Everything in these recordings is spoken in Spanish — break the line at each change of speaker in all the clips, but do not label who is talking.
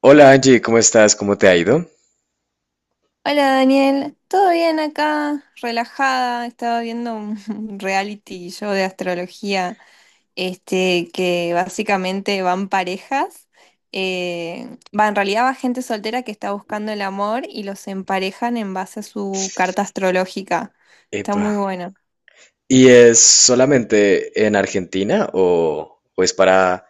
Hola Angie, ¿cómo estás? ¿Cómo te ha ido?
Hola Daniel, ¿todo bien acá? Relajada, estaba viendo un un reality show de astrología, que básicamente van parejas, en realidad va gente soltera que está buscando el amor y los emparejan en base a su carta astrológica. Está
Epa.
muy bueno.
¿Y es solamente en Argentina o es para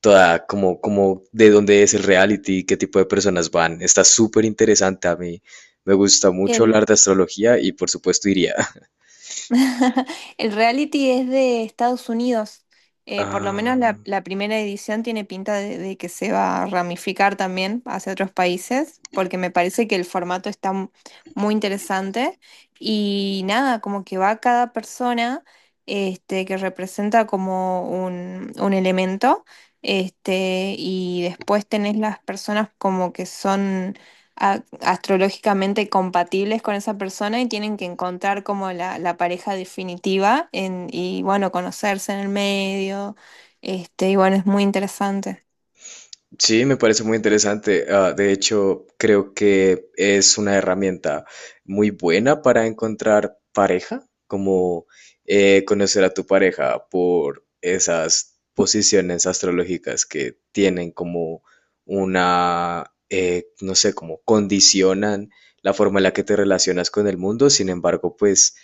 toda, como, como de dónde es el reality, qué tipo de personas van? Está súper interesante a mí. Me gusta mucho hablar de astrología y por supuesto iría.
El reality es de Estados Unidos. Por lo
Ah.
menos la primera edición tiene pinta de que se va a ramificar también hacia otros países, porque me parece que el formato está muy interesante. Y nada, como que va cada persona que representa como un elemento, y después tenés las personas como que son astrológicamente compatibles con esa persona y tienen que encontrar como la pareja definitiva en, y bueno, conocerse en el medio. Y bueno, es muy interesante.
Sí, me parece muy interesante. Ah, de hecho, creo que es una herramienta muy buena para encontrar pareja, como conocer a tu pareja por esas posiciones astrológicas que tienen como una, no sé, como condicionan la forma en la que te relacionas con el mundo. Sin embargo, pues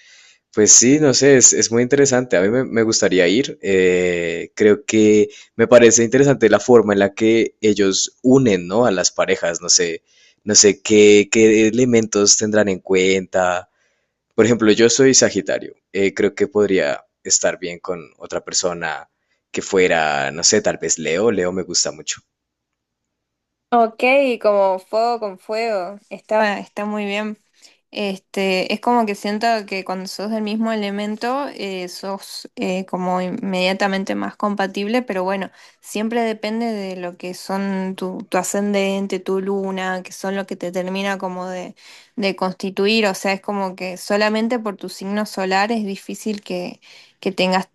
pues sí, no sé, es muy interesante. A mí me gustaría ir. Creo que me parece interesante la forma en la que ellos unen, ¿no?, a las parejas. No sé, no sé qué elementos tendrán en cuenta. Por ejemplo, yo soy Sagitario. Creo que podría estar bien con otra persona que fuera, no sé, tal vez Leo. Leo me gusta mucho.
Ok, como fuego con fuego. Está, está muy bien. Este, es como que siento que cuando sos del mismo elemento, sos como inmediatamente más compatible, pero bueno, siempre depende de lo que son tu ascendente, tu luna, que son lo que te termina como de constituir. O sea, es como que solamente por tu signo solar es difícil que tengas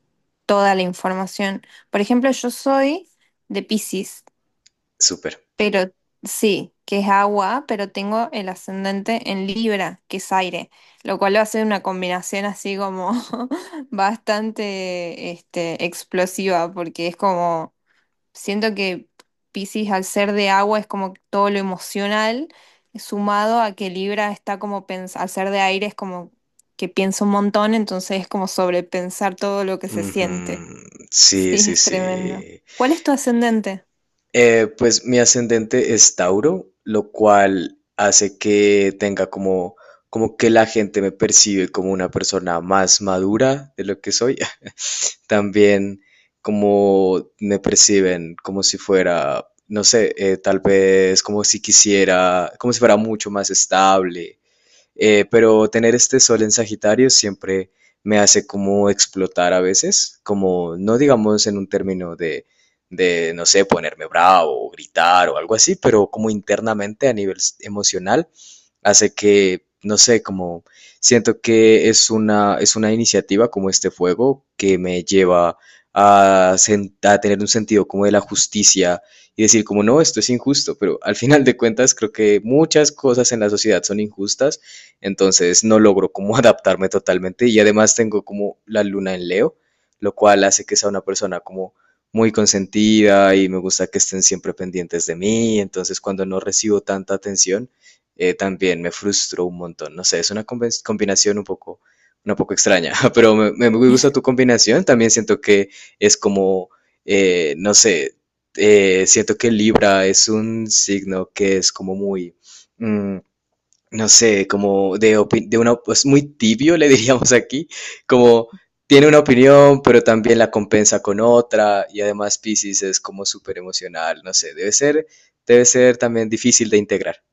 toda la información. Por ejemplo, yo soy de Piscis.
Súper.
Pero sí, que es agua, pero tengo el ascendente en Libra, que es aire, lo cual va a ser una combinación así como bastante este, explosiva, porque es como, siento que Piscis al ser de agua es como todo lo emocional, sumado a que Libra está como, al ser de aire es como que piensa un montón, entonces es como sobrepensar todo lo que se
Ujú.
siente.
Sí,
Sí,
sí,
es
sí.
tremendo. ¿Cuál es tu ascendente?
Pues mi ascendente es Tauro, lo cual hace que tenga como, como que la gente me percibe como una persona más madura de lo que soy. También como me perciben como si fuera, no sé, tal vez como si quisiera, como si fuera mucho más estable, pero tener este sol en Sagitario siempre me hace como explotar a veces, como no digamos en un término de, no sé, ponerme bravo o gritar o algo así, pero como internamente a nivel emocional, hace que, no sé, como siento que es una iniciativa como este fuego que me lleva a, a tener un sentido como de la justicia y decir como no, esto es injusto, pero al final de cuentas creo que muchas cosas en la sociedad son injustas, entonces no logro como adaptarme totalmente, y además tengo como la luna en Leo, lo cual hace que sea una persona como muy consentida y me gusta que estén siempre pendientes de mí, entonces cuando no recibo tanta atención, también me frustro un montón, no sé, es una combinación un poco, una poco extraña, pero me gusta tu combinación, también siento que es como, no sé, siento que Libra es un signo que es como muy... mm, no sé, como de, de una, pues muy tibio, le diríamos aquí, como tiene una opinión, pero también la compensa con otra, y además Piscis es como súper emocional, no sé, debe ser también difícil de integrar.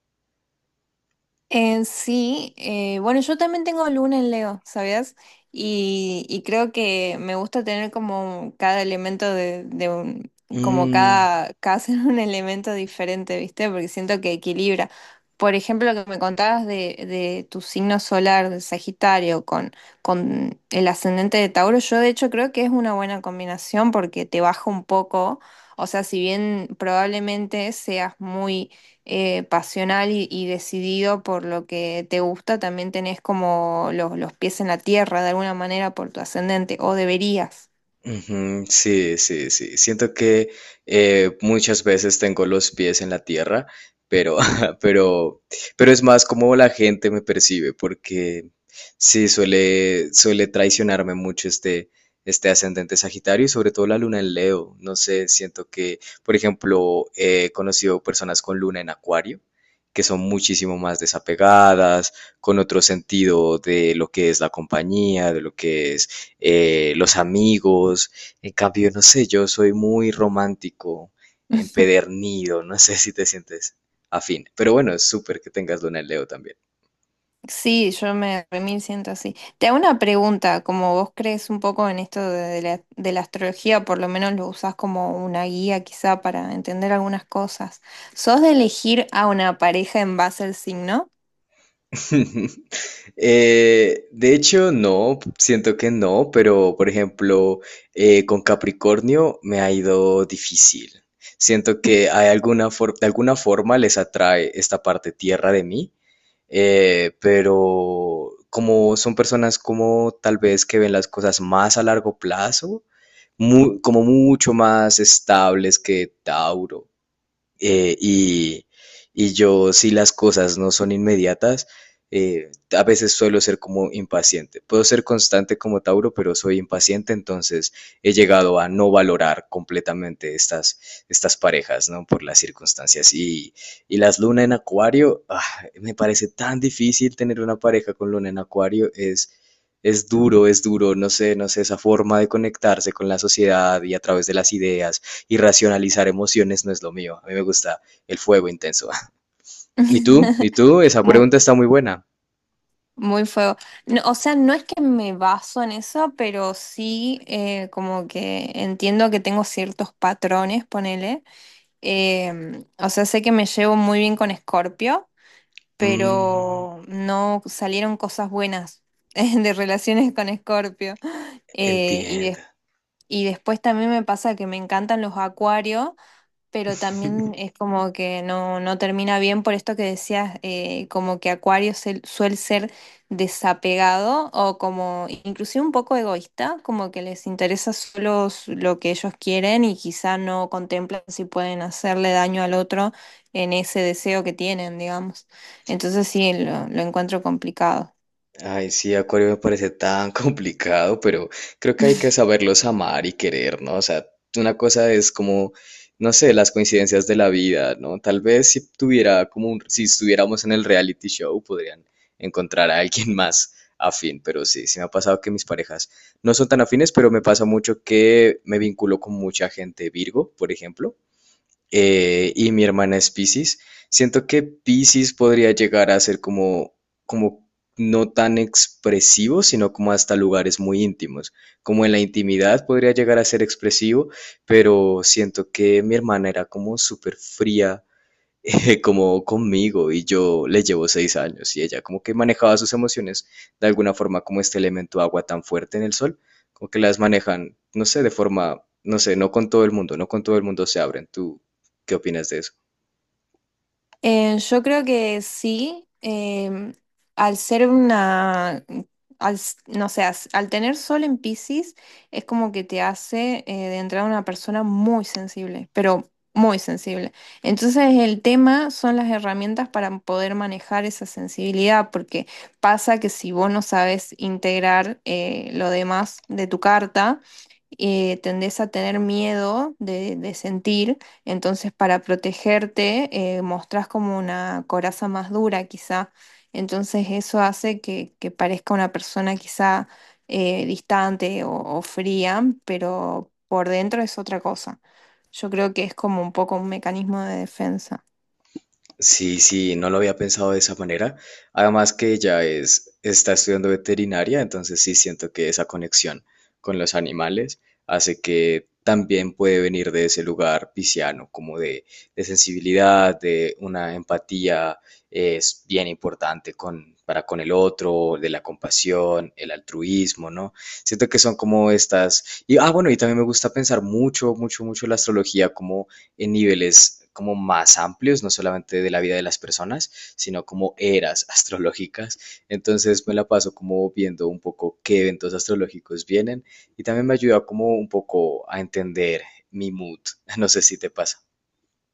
Sí, bueno, yo también tengo luna en Leo, ¿sabías? Y creo que me gusta tener como cada elemento de un, como
Mm.
cada, cada ser un elemento diferente, ¿viste? Porque siento que equilibra. Por ejemplo, lo que me contabas de tu signo solar, de Sagitario, con el ascendente de Tauro, yo de hecho creo que es una buena combinación porque te baja un poco, o sea, si bien probablemente seas muy pasional y decidido por lo que te gusta, también tenés como los pies en la tierra de alguna manera por tu ascendente, o deberías.
Ujú. Sí, sí, sí. Siento que muchas veces tengo los pies en la tierra, pero, pero, pero es más como la gente me percibe, porque sí, suele, suele traicionarme mucho este, este ascendente Sagitario y sobre todo la luna en Leo. No sé, siento que, por ejemplo, he conocido personas con luna en Acuario, que son muchísimo más desapegadas, con otro sentido de lo que es la compañía, de lo que es los amigos. En cambio, no sé, yo soy muy romántico, empedernido, no sé si te sientes afín. Pero bueno, es súper que tengas luna en Leo también.
Sí, yo me remil siento así. Te hago una pregunta, como vos crees un poco en esto de, de la astrología, por lo menos lo usás como una guía quizá para entender algunas cosas. ¿Sos de elegir a una pareja en base al signo?
De hecho, no, siento que no, pero por ejemplo, con Capricornio me ha ido difícil. Siento que hay alguna de alguna forma les atrae esta parte tierra de mí. Pero como son personas como tal vez que ven las cosas más a largo plazo, como mucho más estables que Tauro, eh, y, y yo, si las cosas no son inmediatas, a veces suelo ser como impaciente. Puedo ser constante como Tauro, pero soy impaciente, entonces he llegado a no valorar completamente estas, estas parejas, ¿no? Por las circunstancias. Y las luna en acuario, ah, me parece tan difícil tener una pareja con luna en acuario, es duro, no sé, no sé, esa forma de conectarse con la sociedad y a través de las ideas y racionalizar emociones no es lo mío. A mí me gusta el fuego intenso. ¿Y tú? ¿Y tú? Esa
Mu-
pregunta está muy buena.
Muy fuego. No, o sea, no es que me baso en eso, pero sí como que entiendo que tengo ciertos patrones, ponele. Em, o sea, sé que me llevo muy bien con Scorpio,
Mm,
pero no salieron cosas buenas de relaciones con Scorpio. Eh, y, des-
entiendo.
y después también me pasa que me encantan los acuarios, pero también es como que no, no termina bien por esto que decías, como que Acuario suele ser desapegado o como inclusive un poco egoísta, como que les interesa solo lo que ellos quieren y quizá no contemplan si pueden hacerle daño al otro en ese deseo que tienen, digamos. Entonces sí, lo encuentro complicado.
Ay, sí, Acuario me parece tan complicado, pero creo que hay que saberlos amar y querer, ¿no? O sea, una cosa es como, no sé, las coincidencias de la vida, ¿no? Tal vez si tuviera como si estuviéramos en el reality show, podrían encontrar a alguien más afín, pero sí, sí me ha pasado que mis parejas no son tan afines, pero me pasa mucho que me vinculo con mucha gente Virgo, por ejemplo, y mi hermana es Piscis. Siento que Piscis podría llegar a ser como, como no tan expresivo, sino como hasta lugares muy íntimos. Como en la intimidad podría llegar a ser expresivo, pero siento que mi hermana era como súper fría, como conmigo, y yo le llevo 6 años y ella como que manejaba sus emociones de alguna forma como este elemento agua tan fuerte en el sol, como que las manejan, no sé, de forma, no sé, no con todo el mundo, no con todo el mundo se abren. ¿Tú qué opinas de eso?
Yo creo que sí, al ser una, al, no sé, al tener sol en Piscis, es como que te hace de entrada una persona muy sensible, pero muy sensible. Entonces el tema son las herramientas para poder manejar esa sensibilidad, porque pasa que si vos no sabes integrar lo demás de tu carta, tendés a tener miedo de sentir. Entonces, para protegerte, mostrás como una coraza más dura, quizá. Entonces, eso hace que parezca una persona quizá distante o fría, pero por dentro es otra cosa. Yo creo que es como un poco un mecanismo de defensa.
Sí, sí, no lo había pensado de esa manera. Además que ella es, está estudiando veterinaria, entonces sí siento que esa conexión con los animales hace que también puede venir de ese lugar pisciano, como de sensibilidad, de una empatía es bien importante con, para con el otro, de la compasión, el altruismo, ¿no? Siento que son como estas... Y, ah, bueno, y también me gusta pensar mucho, mucho, mucho la astrología como en niveles como más amplios, no solamente de la vida de las personas, sino como eras astrológicas. Entonces me la paso como viendo un poco qué eventos astrológicos vienen y también me ayuda como un poco a entender mi mood. No sé si te pasa.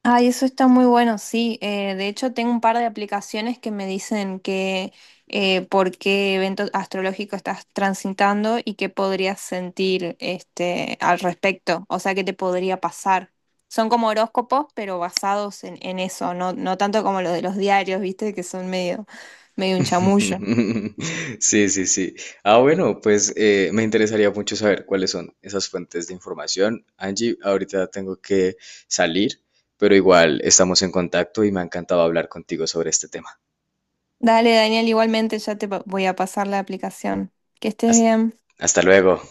Ay, eso está muy bueno, sí. De hecho, tengo un par de aplicaciones que me dicen que por qué evento astrológico estás transitando y qué podrías sentir este, al respecto, o sea, qué te podría pasar. Son como horóscopos, pero basados en eso, no, no tanto como los de los diarios, ¿viste? Que son medio, medio un chamullo.
Sí, sí, sí. Ah, bueno, pues me interesaría mucho saber cuáles son esas fuentes de información. Angie, ahorita tengo que salir, pero igual estamos en contacto y me ha encantado hablar contigo sobre este tema.
Dale, Daniel, igualmente ya te voy a pasar la aplicación. Que estés
Hast-
bien.
Hasta luego.